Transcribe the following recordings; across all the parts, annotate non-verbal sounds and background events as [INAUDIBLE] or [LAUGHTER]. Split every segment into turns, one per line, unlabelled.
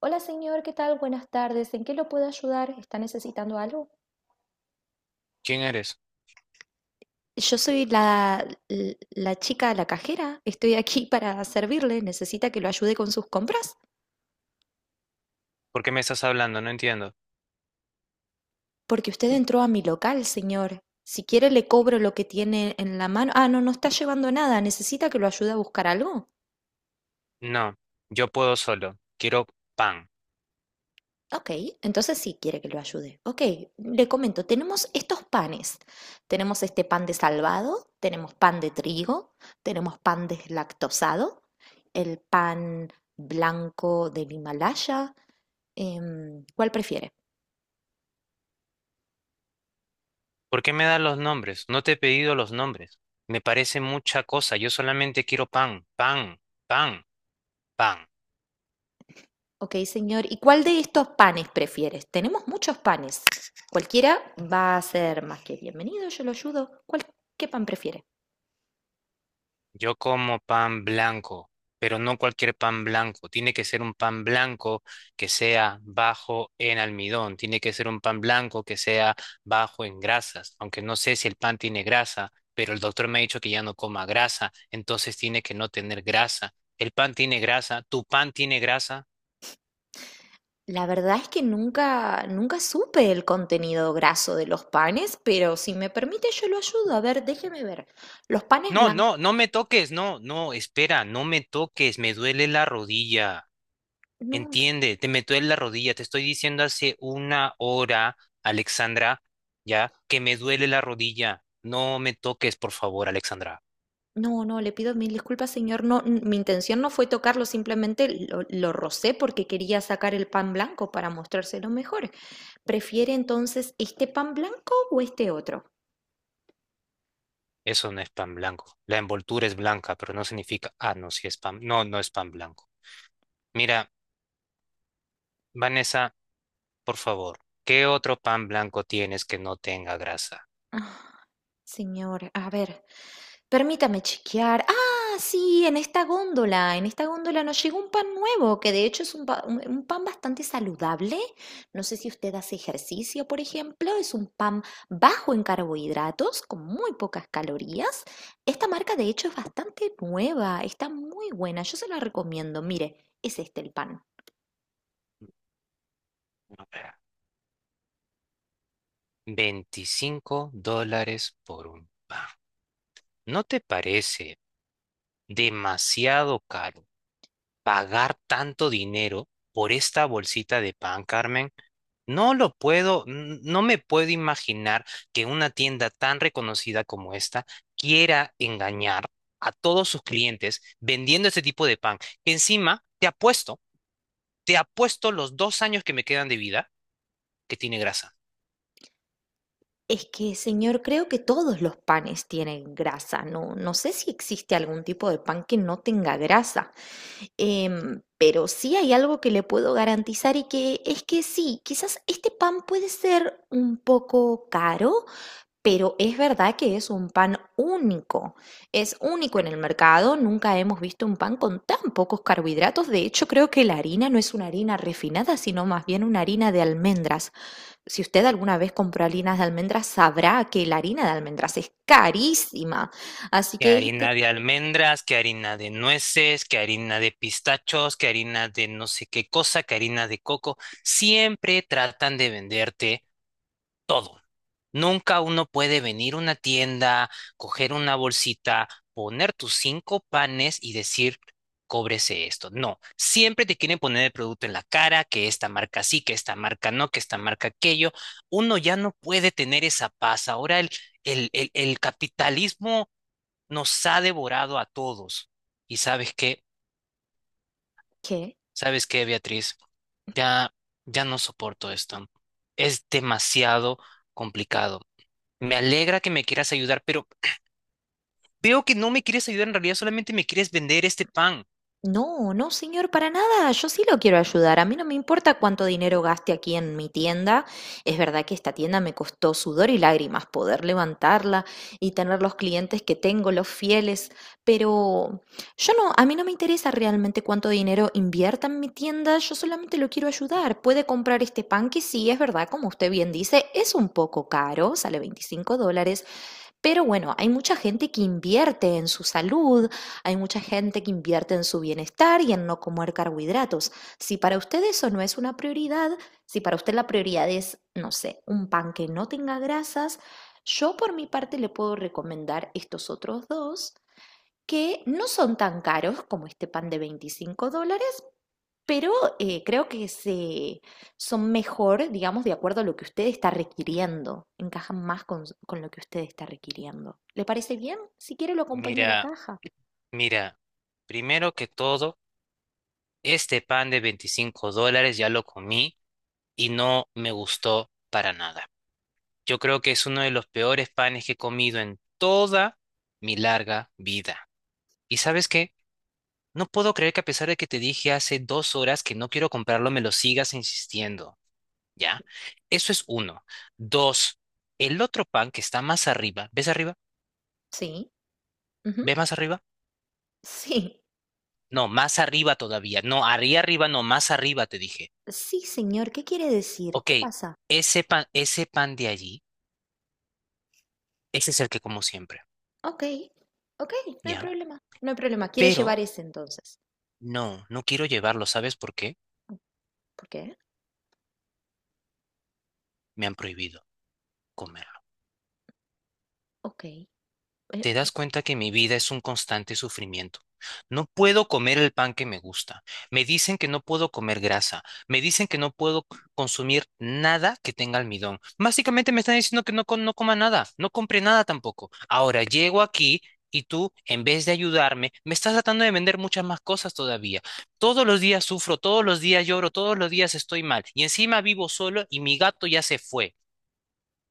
Hola señor, ¿qué tal? Buenas tardes. ¿En qué lo puedo ayudar? ¿Está necesitando algo?
¿Quién eres?
Yo soy la chica, la cajera. Estoy aquí para servirle. Necesita que lo ayude con sus compras.
¿Por qué me estás hablando? No entiendo.
Porque usted entró a mi local, señor. Si quiere, le cobro lo que tiene en la mano. Ah, no, no está llevando nada. ¿Necesita que lo ayude a buscar algo?
No, yo puedo solo. Quiero pan.
Ok, entonces sí quiere que lo ayude. Ok, le comento, tenemos estos panes. Tenemos este pan de salvado, tenemos pan de trigo, tenemos pan deslactosado, el pan blanco del Himalaya. ¿Cuál prefiere?
¿Por qué me das los nombres? No te he pedido los nombres. Me parece mucha cosa. Yo solamente quiero pan, pan, pan, pan.
Ok, señor, ¿y cuál de estos panes prefieres? Tenemos muchos panes. Cualquiera va a ser más que bienvenido, yo lo ayudo. ¿Qué pan prefiere?
Yo como pan blanco, pero no cualquier pan blanco. Tiene que ser un pan blanco que sea bajo en almidón. Tiene que ser un pan blanco que sea bajo en grasas. Aunque no sé si el pan tiene grasa, pero el doctor me ha dicho que ya no coma grasa, entonces tiene que no tener grasa. El pan tiene grasa, tu pan tiene grasa.
La verdad es que nunca supe el contenido graso de los panes, pero si me permite yo lo ayudo. A ver, déjeme ver. Los panes
No,
blancos...
no, no me toques, no, no, espera, no me toques, me duele la rodilla.
No,
Entiende, te meto en la rodilla, te estoy diciendo hace una hora, Alexandra, ya, que me duele la rodilla. No me toques, por favor, Alexandra.
no, no, le pido mil disculpas, señor. No, mi intención no fue tocarlo, simplemente lo rocé porque quería sacar el pan blanco para mostrárselo mejor. ¿Prefiere entonces este pan blanco o este otro?
Eso no es pan blanco. La envoltura es blanca, pero no significa, ah, no, sí es pan, no, no es pan blanco. Mira, Vanessa, por favor, ¿qué otro pan blanco tienes que no tenga grasa?
Ah, señor, a ver. Permítame chequear. Ah, sí, en esta góndola nos llegó un pan nuevo, que de hecho es un pan bastante saludable. No sé si usted hace ejercicio, por ejemplo, es un pan bajo en carbohidratos, con muy pocas calorías. Esta marca de hecho es bastante nueva, está muy buena, yo se la recomiendo. Mire, es este el pan.
A ver, $25 por un pan. ¿No te parece demasiado caro pagar tanto dinero por esta bolsita de pan, Carmen? No lo puedo, no me puedo imaginar que una tienda tan reconocida como esta quiera engañar a todos sus clientes vendiendo este tipo de pan. Que encima, te apuesto los 2 años que me quedan de vida que tiene grasa.
Es que, señor, creo que todos los panes tienen grasa. No, no sé si existe algún tipo de pan que no tenga grasa. Pero sí hay algo que le puedo garantizar y que es que sí, quizás este pan puede ser un poco caro, pero es verdad que es un pan único. Es único en el mercado. Nunca hemos visto un pan con tan pocos carbohidratos. De hecho, creo que la harina no es una harina refinada, sino más bien una harina de almendras. Si usted alguna vez compró harinas de almendras, sabrá que la harina de almendras es carísima. Así
Que
que
harina
este,
de almendras, que harina de nueces, que harina de pistachos, que harina de no sé qué cosa, que harina de coco. Siempre tratan de venderte todo. Nunca uno puede venir a una tienda, coger una bolsita, poner tus cinco panes y decir, cóbrese esto. No, siempre te quieren poner el producto en la cara, que esta marca sí, que esta marca no, que esta marca aquello. Uno ya no puede tener esa paz. Ahora el capitalismo nos ha devorado a todos. ¿Y sabes qué?
¿qué?
¿Sabes qué, Beatriz? Ya, ya no soporto esto. Es demasiado complicado. Me alegra que me quieras ayudar, pero veo que no me quieres ayudar en realidad, solamente me quieres vender este pan.
No, no, señor, para nada. Yo sí lo quiero ayudar. A mí no me importa cuánto dinero gaste aquí en mi tienda. Es verdad que esta tienda me costó sudor y lágrimas poder levantarla y tener los clientes que tengo, los fieles, pero yo no, a mí no me interesa realmente cuánto dinero invierta en mi tienda. Yo solamente lo quiero ayudar. Puede comprar este pan que sí, es verdad, como usted bien dice, es un poco caro, sale $25, pero bueno, hay mucha gente que invierte en su salud, hay mucha gente que invierte en su bienestar y en no comer carbohidratos. Si para usted eso no es una prioridad, si para usted la prioridad es, no sé, un pan que no tenga grasas, yo por mi parte le puedo recomendar estos otros dos que no son tan caros como este pan de $25, pero creo que son mejor, digamos, de acuerdo a lo que usted está requiriendo. Encajan más con lo que usted está requiriendo. ¿Le parece bien? Si quiere, lo acompaño a la
Mira,
caja.
mira, primero que todo, este pan de $25 ya lo comí y no me gustó para nada. Yo creo que es uno de los peores panes que he comido en toda mi larga vida. ¿Y sabes qué? No puedo creer que a pesar de que te dije hace 2 horas que no quiero comprarlo, me lo sigas insistiendo, ¿ya? Eso es uno. Dos, el otro pan que está más arriba?
Sí. Ujú.
¿Ves más arriba?
Sí.
No, más arriba todavía. No, arriba arriba, no, más arriba te dije.
Sí, señor. ¿Qué quiere decir?
Ok,
¿Qué pasa?
ese pan de allí, ese es el que como siempre,
Ok. Ok, no hay
¿ya?
problema. No hay problema. ¿Quiere
Pero
llevar ese entonces?
no, no quiero llevarlo, ¿sabes por qué?
¿Por qué?
Me han prohibido comer.
Ok. eh,
Te das cuenta que mi vida es un constante sufrimiento. No puedo comer el pan que me gusta. Me dicen que no puedo comer grasa. Me dicen que no puedo consumir nada que tenga almidón. Básicamente me están diciendo que no, no coma nada, no compre nada tampoco. Ahora llego aquí y tú, en vez de ayudarme, me estás tratando de vender muchas más cosas todavía. Todos los días sufro, todos los días lloro, todos los días estoy mal. Y encima vivo solo y mi gato ya se fue.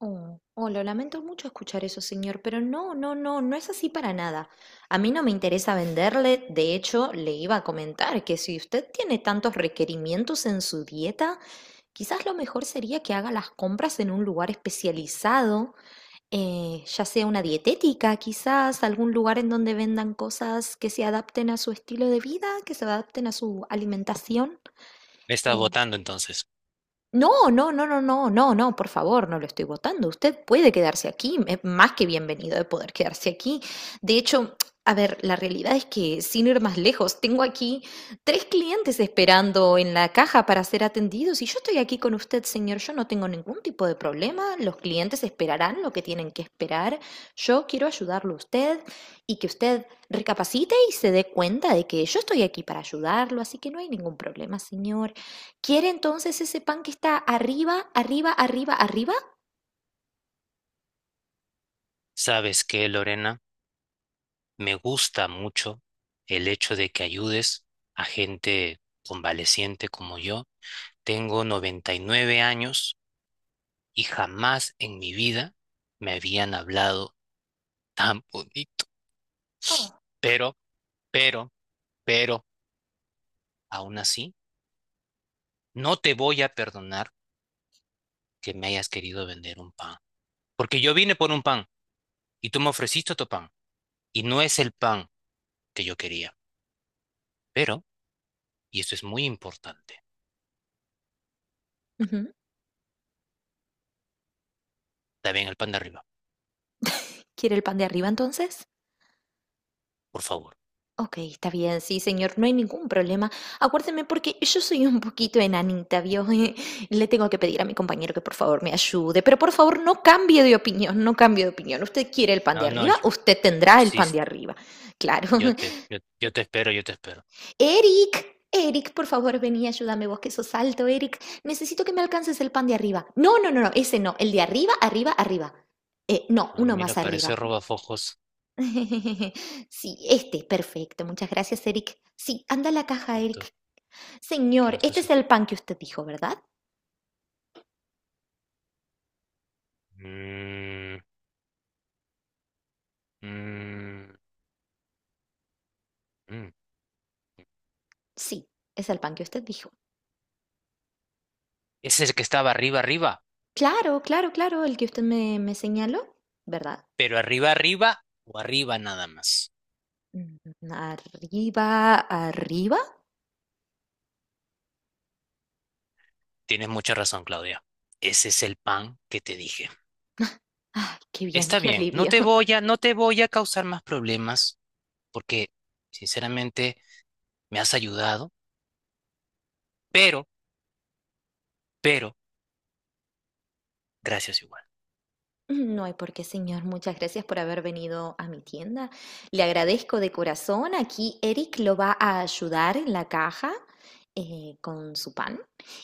Oh, oh, lo lamento mucho escuchar eso, señor, pero no, no, no, no es así para nada. A mí no me interesa venderle, de hecho, le iba a comentar que si usted tiene tantos requerimientos en su dieta, quizás lo mejor sería que haga las compras en un lugar especializado, ya sea una dietética, quizás algún lugar en donde vendan cosas que se adapten a su estilo de vida, que se adapten a su alimentación.
Me estás botando entonces.
No, no, no, no, no, no, no, por favor, no lo estoy votando. Usted puede quedarse aquí, es más que bienvenido de poder quedarse aquí. De hecho, a ver, la realidad es que, sin ir más lejos, tengo aquí tres clientes esperando en la caja para ser atendidos y yo estoy aquí con usted, señor. Yo no tengo ningún tipo de problema. Los clientes esperarán lo que tienen que esperar. Yo quiero ayudarlo a usted y que usted recapacite y se dé cuenta de que yo estoy aquí para ayudarlo, así que no hay ningún problema, señor. Quiere entonces ese pan que está arriba, arriba, arriba, arriba.
¿Sabes qué, Lorena? Me gusta mucho el hecho de que ayudes a gente convaleciente como yo. Tengo 99 años y jamás en mi vida me habían hablado tan bonito.
Oh.
Pero, pero, pero, aún así, no te voy a perdonar que me hayas querido vender un pan. Porque yo vine por un pan y tú me ofreciste tu pan. Y no es el pan que yo quería. Pero, y esto es muy importante,
Ujú.
también el pan de arriba,
¿Quiere el pan de arriba entonces?
por favor.
Ok, está bien, sí, señor, no hay ningún problema. Acuérdeme porque yo soy un poquito enanita, ¿vio? [LAUGHS] Le tengo que pedir a mi compañero que por favor me ayude, pero por favor no cambie de opinión, no cambie de opinión. Usted quiere el pan de
No, no,
arriba, usted tendrá el
sí.
pan de arriba. Claro.
Yo te espero, yo te espero.
Eric, Eric, por favor, vení, ayúdame vos que sos alto, Eric. Necesito que me alcances el pan de arriba. No, no, no, no, ese no, el de arriba, arriba, arriba. No,
Ah,
uno
mira,
más
parece
arriba.
robafojos.
[LAUGHS] Sí, este, perfecto. Muchas gracias, Eric. Sí, anda a la
Qué
caja,
alto,
Eric.
qué
Señor,
alto
este
es
es
el
el
tipo.
pan que usted dijo, ¿verdad?
Mm, mm, mm.
Sí, es el pan que usted dijo.
Es el que estaba arriba, arriba,
Claro, claro, claro, el que usted me señaló, ¿verdad?
pero arriba, arriba o arriba nada más.
Mm. Arriba, arriba.
Tienes mucha razón, Claudia. Ese es el pan que te dije.
Ay, qué bien,
Está
qué
bien, no
alivio.
te voy a, no te voy a causar más problemas porque, sinceramente, me has ayudado, pero, pero, gracias igual.
No hay por qué, señor. Muchas gracias por haber venido a mi tienda. Le agradezco de corazón. Aquí Eric lo va a ayudar en la caja con su pan.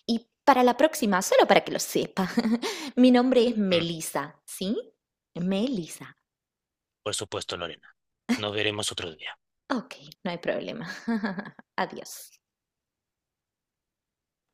Y para la próxima, solo para que lo sepa, [LAUGHS] mi nombre es
Mm,
Melissa, ¿sí? Melissa.
por supuesto, Lorena. Nos veremos otro día.
Ok, no hay problema. [LAUGHS] Adiós.